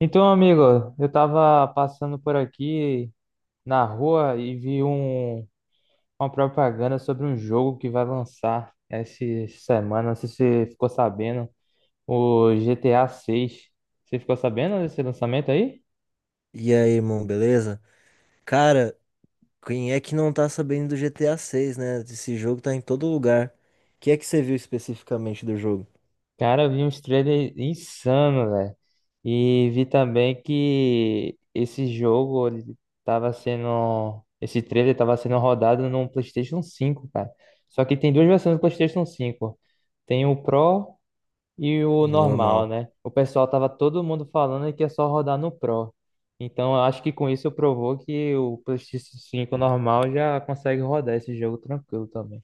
Então, amigo, eu tava passando por aqui na rua e vi uma propaganda sobre um jogo que vai lançar essa semana. Não sei se você ficou sabendo, o GTA 6. Você ficou sabendo desse lançamento aí? E aí, irmão, beleza? Cara, quem é que não tá sabendo do GTA 6, né? Esse jogo tá em todo lugar. O que é que você viu especificamente do jogo? Cara, eu vi uns trailers insano, velho. E vi também que esse jogo ele tava sendo. Esse trailer tava sendo rodado no PlayStation 5, cara. Só que tem duas versões do PlayStation 5. Tem o Pro e o De normal, normal. né? O pessoal tava todo mundo falando que é só rodar no Pro. Então, eu acho que com isso provou que o PlayStation 5 normal já consegue rodar esse jogo tranquilo também.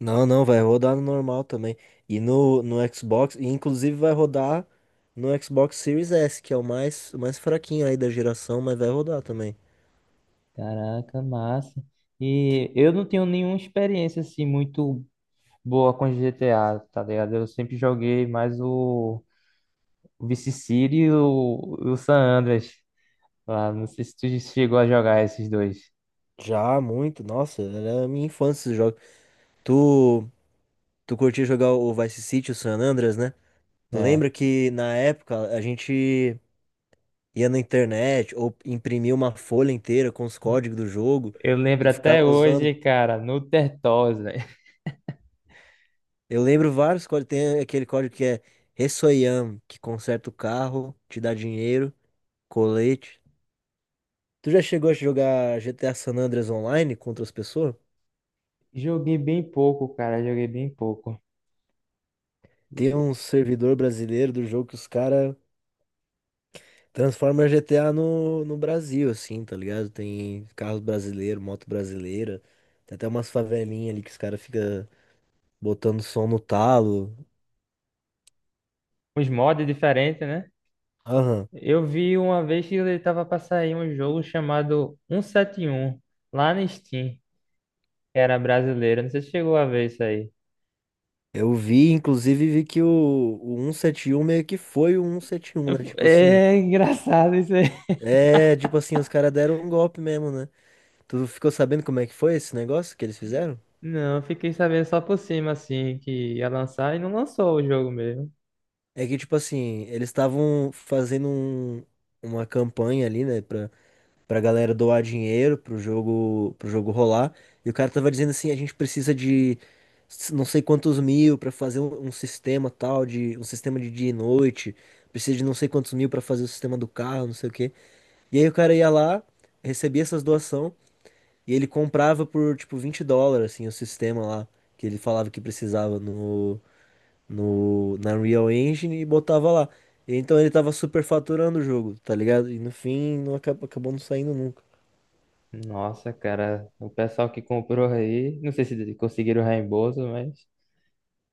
Não, não, vai rodar no normal também. E no Xbox, e inclusive vai rodar no Xbox Series S, que é o mais fraquinho aí da geração, mas vai rodar também. Caraca, massa. E eu não tenho nenhuma experiência assim muito boa com GTA, tá ligado? Eu sempre joguei mais o Vice City e o San Andreas. Lá. Não sei se tu chegou a jogar esses dois, Já, muito, nossa, era a minha infância esse jogo. Tu, tu curtia jogar o Vice City, o San Andreas, né? Tu né? lembra que na época a gente ia na internet ou imprimia uma folha inteira com os códigos do jogo Eu lembro e ficava até usando. hoje, cara, no Tertós, né? Eu lembro vários códigos, tem aquele código que é Ressoyam, que conserta o carro, te dá dinheiro, colete. Tu já chegou a jogar GTA San Andreas online contra as pessoas? Joguei bem pouco, cara. Joguei bem pouco. Tem um servidor brasileiro do jogo que os caras transformam GTA no Brasil, assim, tá ligado? Tem carros brasileiros, moto brasileira, tem até umas favelinhas ali que os caras ficam botando som no talo. Os mods diferentes, né? Aham. Eu vi uma vez que ele tava pra sair um jogo chamado 171 lá na Steam, que era brasileiro. Não sei se chegou a ver isso aí. Eu vi, inclusive, vi que o 171 meio que foi o 171, né? Tipo assim, É engraçado isso aí. é, tipo assim, os caras deram um golpe mesmo, né? Tu ficou sabendo como é que foi esse negócio que eles fizeram? Não, eu fiquei sabendo só por cima, assim, que ia lançar e não lançou o jogo mesmo. É que, tipo assim, eles estavam fazendo uma campanha ali, né, pra galera doar dinheiro pro jogo rolar. E o cara tava dizendo assim, a gente precisa de não sei quantos mil pra fazer um sistema tal, de um sistema de dia e noite. Precisa de não sei quantos mil pra fazer o sistema do carro, não sei o quê. E aí o cara ia lá, recebia essas doação e ele comprava por tipo US$ 20, assim, o sistema lá que ele falava que precisava no, no na Unreal Engine e botava lá. E então ele tava superfaturando o jogo, tá ligado? E no fim não acabou, acabou não saindo nunca. Nossa, cara, o pessoal que comprou aí, não sei se conseguiram o reembolso, mas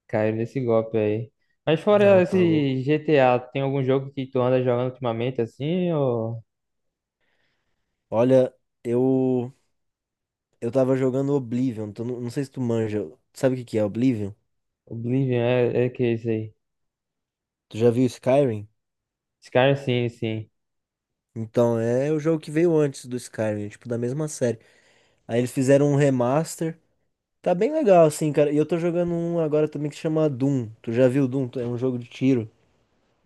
caiu nesse golpe aí. Mas fora Não, tá louco. esse GTA, tem algum jogo que tu anda jogando ultimamente assim? Ou Olha, eu eu tava jogando Oblivion, tu não, não sei se tu manja. Sabe o que que é Oblivion? Oblivion é, é que é isso aí? Tu já viu Skyrim? Skyrim, sim, sim. Então, é o jogo que veio antes do Skyrim, tipo da mesma série. Aí eles fizeram um remaster. Tá bem legal, assim, cara. E eu tô jogando um agora também que se chama Doom. Tu já viu Doom? É um jogo de tiro.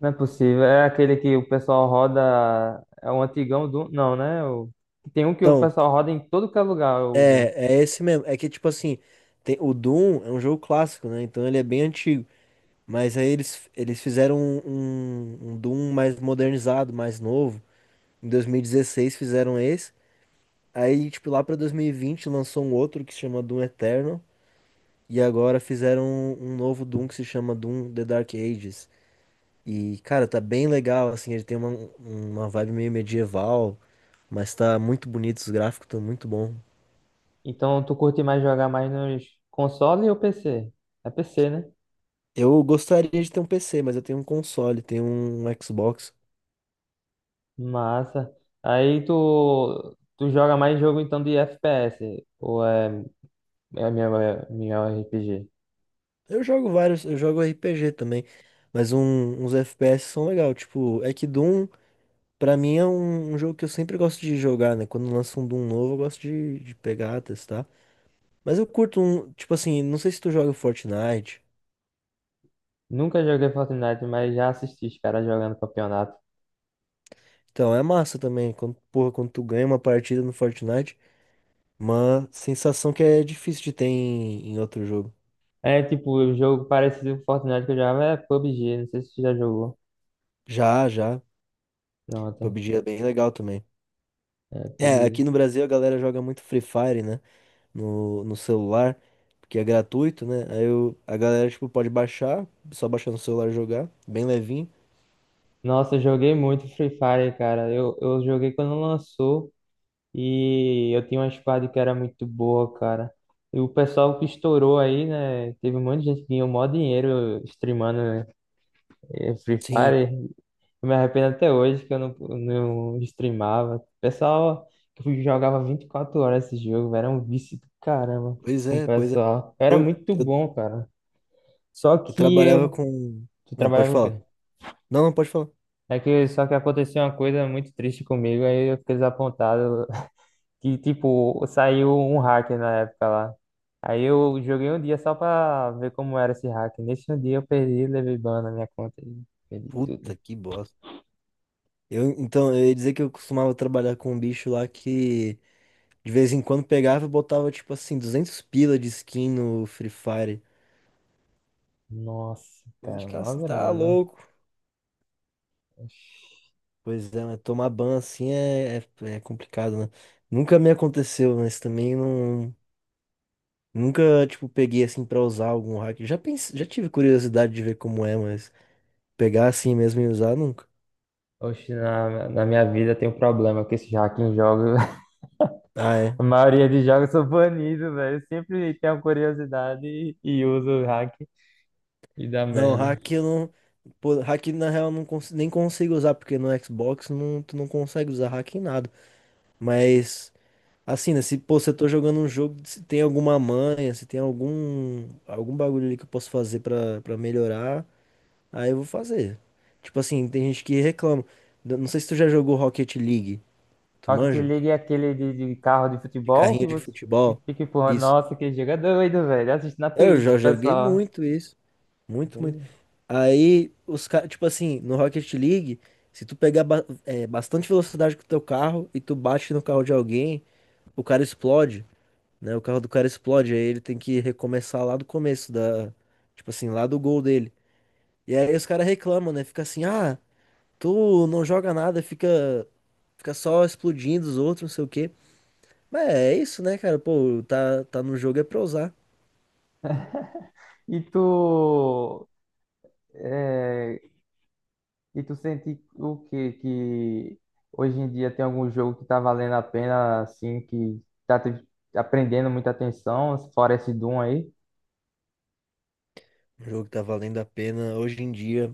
Não é possível. É aquele que o pessoal roda. É um antigão do. Não, né? O... Tem um que o Então, pessoal roda em todo que é lugar, o Doom. é esse mesmo. É que, tipo assim, o Doom é um jogo clássico, né? Então ele é bem antigo. Mas aí eles fizeram um Doom mais modernizado, mais novo. Em 2016 fizeram esse. Aí, tipo, lá pra 2020 lançou um outro que se chama Doom Eternal. E agora fizeram um novo Doom que se chama Doom The Dark Ages. E, cara, tá bem legal, assim, ele tem uma vibe meio medieval, mas tá muito bonito, os gráficos estão muito bom. Então tu curte mais jogar mais nos console ou PC? É PC, né? Eu gostaria de ter um PC, mas eu tenho um console, tenho um Xbox. Massa. Aí tu. Tu joga mais jogo então de FPS? Ou é minha RPG? Eu jogo vários, eu jogo RPG também, mas uns FPS são legal, tipo, é que Doom, pra mim é um jogo que eu sempre gosto de jogar, né? Quando lança um Doom novo, eu gosto de pegar, testar. Mas eu curto um, tipo assim, não sei se tu joga Fortnite. Nunca joguei Fortnite, mas já assisti os caras jogando campeonato. Então, é massa também, quando, porra, quando tu ganha uma partida no Fortnite, uma sensação que é difícil de ter em outro jogo. É tipo, o jogo parecido com Fortnite que eu jogava é PUBG, não sei se você já jogou. Já, já. Pronto, PUBG é bem legal também. é É, PUBG. aqui no Brasil a galera joga muito Free Fire, né? No celular, porque é gratuito, né? Aí eu, a galera, tipo, pode baixar, só baixar no celular e jogar, bem levinho. Nossa, eu joguei muito Free Fire, cara. Eu joguei quando lançou e eu tinha uma squad que era muito boa, cara. E o pessoal que estourou aí, né? Teve um monte de gente que ganhou mó dinheiro streamando Free Sim, Fire. Eu me arrependo até hoje que eu não streamava. Pessoal, que eu jogava 24 horas esse jogo, velho, era um vício do caramba. pois O é, pois é. pessoal, era Eu, muito eu, bom, cara. Só eu que trabalhava eu, com. tu Não, pode trabalhava o falar. quê? Não, não pode falar. É que só que aconteceu uma coisa muito triste comigo, aí eu fiquei desapontado. Que tipo, saiu um hacker na época lá. Aí eu joguei um dia só pra ver como era esse hacker. Nesse um dia eu perdi, levei ban na minha conta e perdi Puta tudo. que bosta. Então, eu ia dizer que eu costumava trabalhar com um bicho lá que. De vez em quando pegava e botava, tipo assim, 200 pila de skin no Free Fire. Nossa, cara, Onde cara, uma você tá grana. louco? Oxi. Pois é, mas tomar ban assim é complicado, né? Nunca me aconteceu, mas também não. Nunca, tipo, peguei assim pra usar algum hack. Já pensei, já tive curiosidade de ver como é, mas pegar assim mesmo e usar nunca. Oxe, na minha vida tem um problema que esses hacking jogos, Ah, é. a maioria de jogos são banidos, velho. Eu sempre tenho curiosidade e uso o hack e dá Não, merda. hack eu não. Pô, hack na real eu não nem consigo usar, porque no Xbox não, tu não consegue usar hack em nada. Mas assim, né? Se, pô, se eu tô jogando um jogo, se tem alguma manha, se tem algum bagulho ali que eu posso fazer pra melhorar, aí eu vou fazer. Tipo assim, tem gente que reclama. Eu não sei se tu já jogou Rocket League. Tu Rocket manja? League é aquele de carro de De futebol carrinho que de você futebol. fica empurrando. Isso. Nossa, que jogo é doido, velho. Assiste na É, eu Twitch, já joguei pessoal. muito isso. Muito, muito. Entende? Aí, os caras, tipo assim, no Rocket League, se tu pegar bastante velocidade com o teu carro e tu bate no carro de alguém, o cara explode, né? O carro do cara explode, aí ele tem que recomeçar lá do começo, da, tipo assim, lá do gol dele. E aí os caras reclamam, né? Fica assim, ah, tu não joga nada, fica, só explodindo os outros, não sei o quê. Mas é isso, né, cara? Pô, tá, tá no jogo é pra usar. E tu é, E tu sente o quê? Que hoje em dia tem algum jogo que tá valendo a pena, assim, que tá te aprendendo muita atenção, fora esse Doom aí? O jogo tá valendo a pena hoje em dia.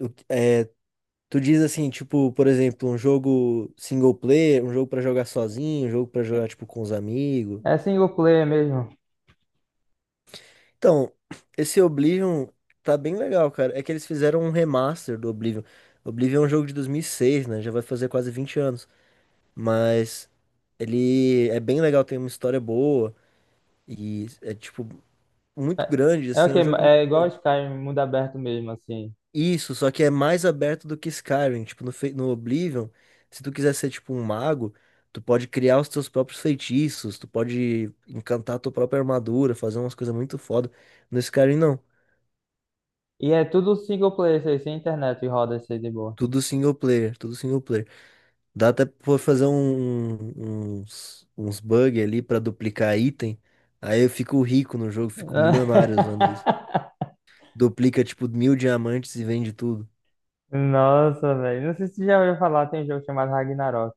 É, tu diz assim, tipo, por exemplo, um jogo single player, um jogo pra jogar sozinho, um jogo pra jogar, tipo, com os amigos. É single player mesmo. Então, esse Oblivion tá bem legal, cara. É que eles fizeram um remaster do Oblivion. Oblivion é um jogo de 2006, né? Já vai fazer quase 20 anos. Mas ele é bem legal, tem uma história boa e é tipo muito É, grande, é o assim, é quê? um jogo É muito igual bom. Skyrim, mundo aberto mesmo, assim. Isso, só que é mais aberto do que Skyrim. Tipo, no Oblivion, se tu quiser ser tipo um mago, tu pode criar os teus próprios feitiços, tu pode encantar a tua própria armadura, fazer umas coisas muito foda. No Skyrim, não. E é tudo single player, isso aí, sem internet e roda isso aí de boa. Tudo single player, tudo single player. Dá até pra fazer uns bug ali pra duplicar item. Aí eu fico rico no jogo, fico milionário usando isso. Duplica tipo 1.000 diamantes e vende tudo. Nossa, velho. Não sei se você já ouviu falar, tem um jogo chamado Ragnarok.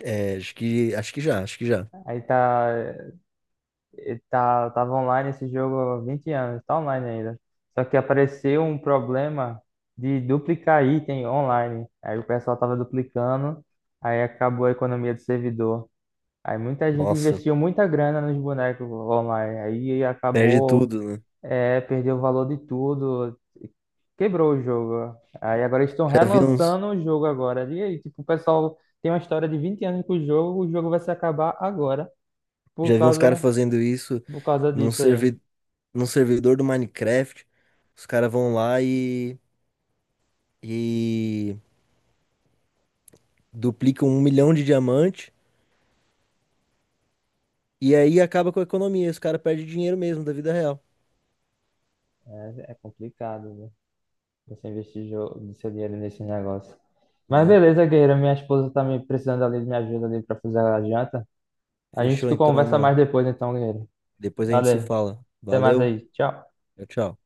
É, acho que já. Aí tá. Ele tá, tava online esse jogo há 20 anos, tá online ainda. Só que apareceu um problema de duplicar item online. Aí o pessoal tava duplicando, aí acabou a economia do servidor. Aí muita gente Nossa, investiu muita grana nos bonecos online. Aí perde acabou, tudo, né? é, perdeu o valor de tudo, quebrou o jogo. Aí agora eles estão Já vi uns, relançando o jogo agora. E aí, tipo, o pessoal tem uma história de 20 anos com o jogo vai se acabar agora por já vi uns caras causa, fazendo isso por causa num, disso aí. servi num servidor do Minecraft. Os caras vão lá e duplicam 1 milhão de diamante. E aí acaba com a economia. Os caras perdem dinheiro mesmo da vida real, É, é complicado, né? Você investir jo- do seu dinheiro nesse negócio. Mas né? beleza, guerreiro. Minha esposa tá me precisando ali de minha ajuda ali pra fazer a janta. A gente Fechou então, conversa irmão. mais depois, então, guerreiro. Depois a gente se Valeu. fala. Até mais Valeu. aí. Tchau. Tchau, tchau.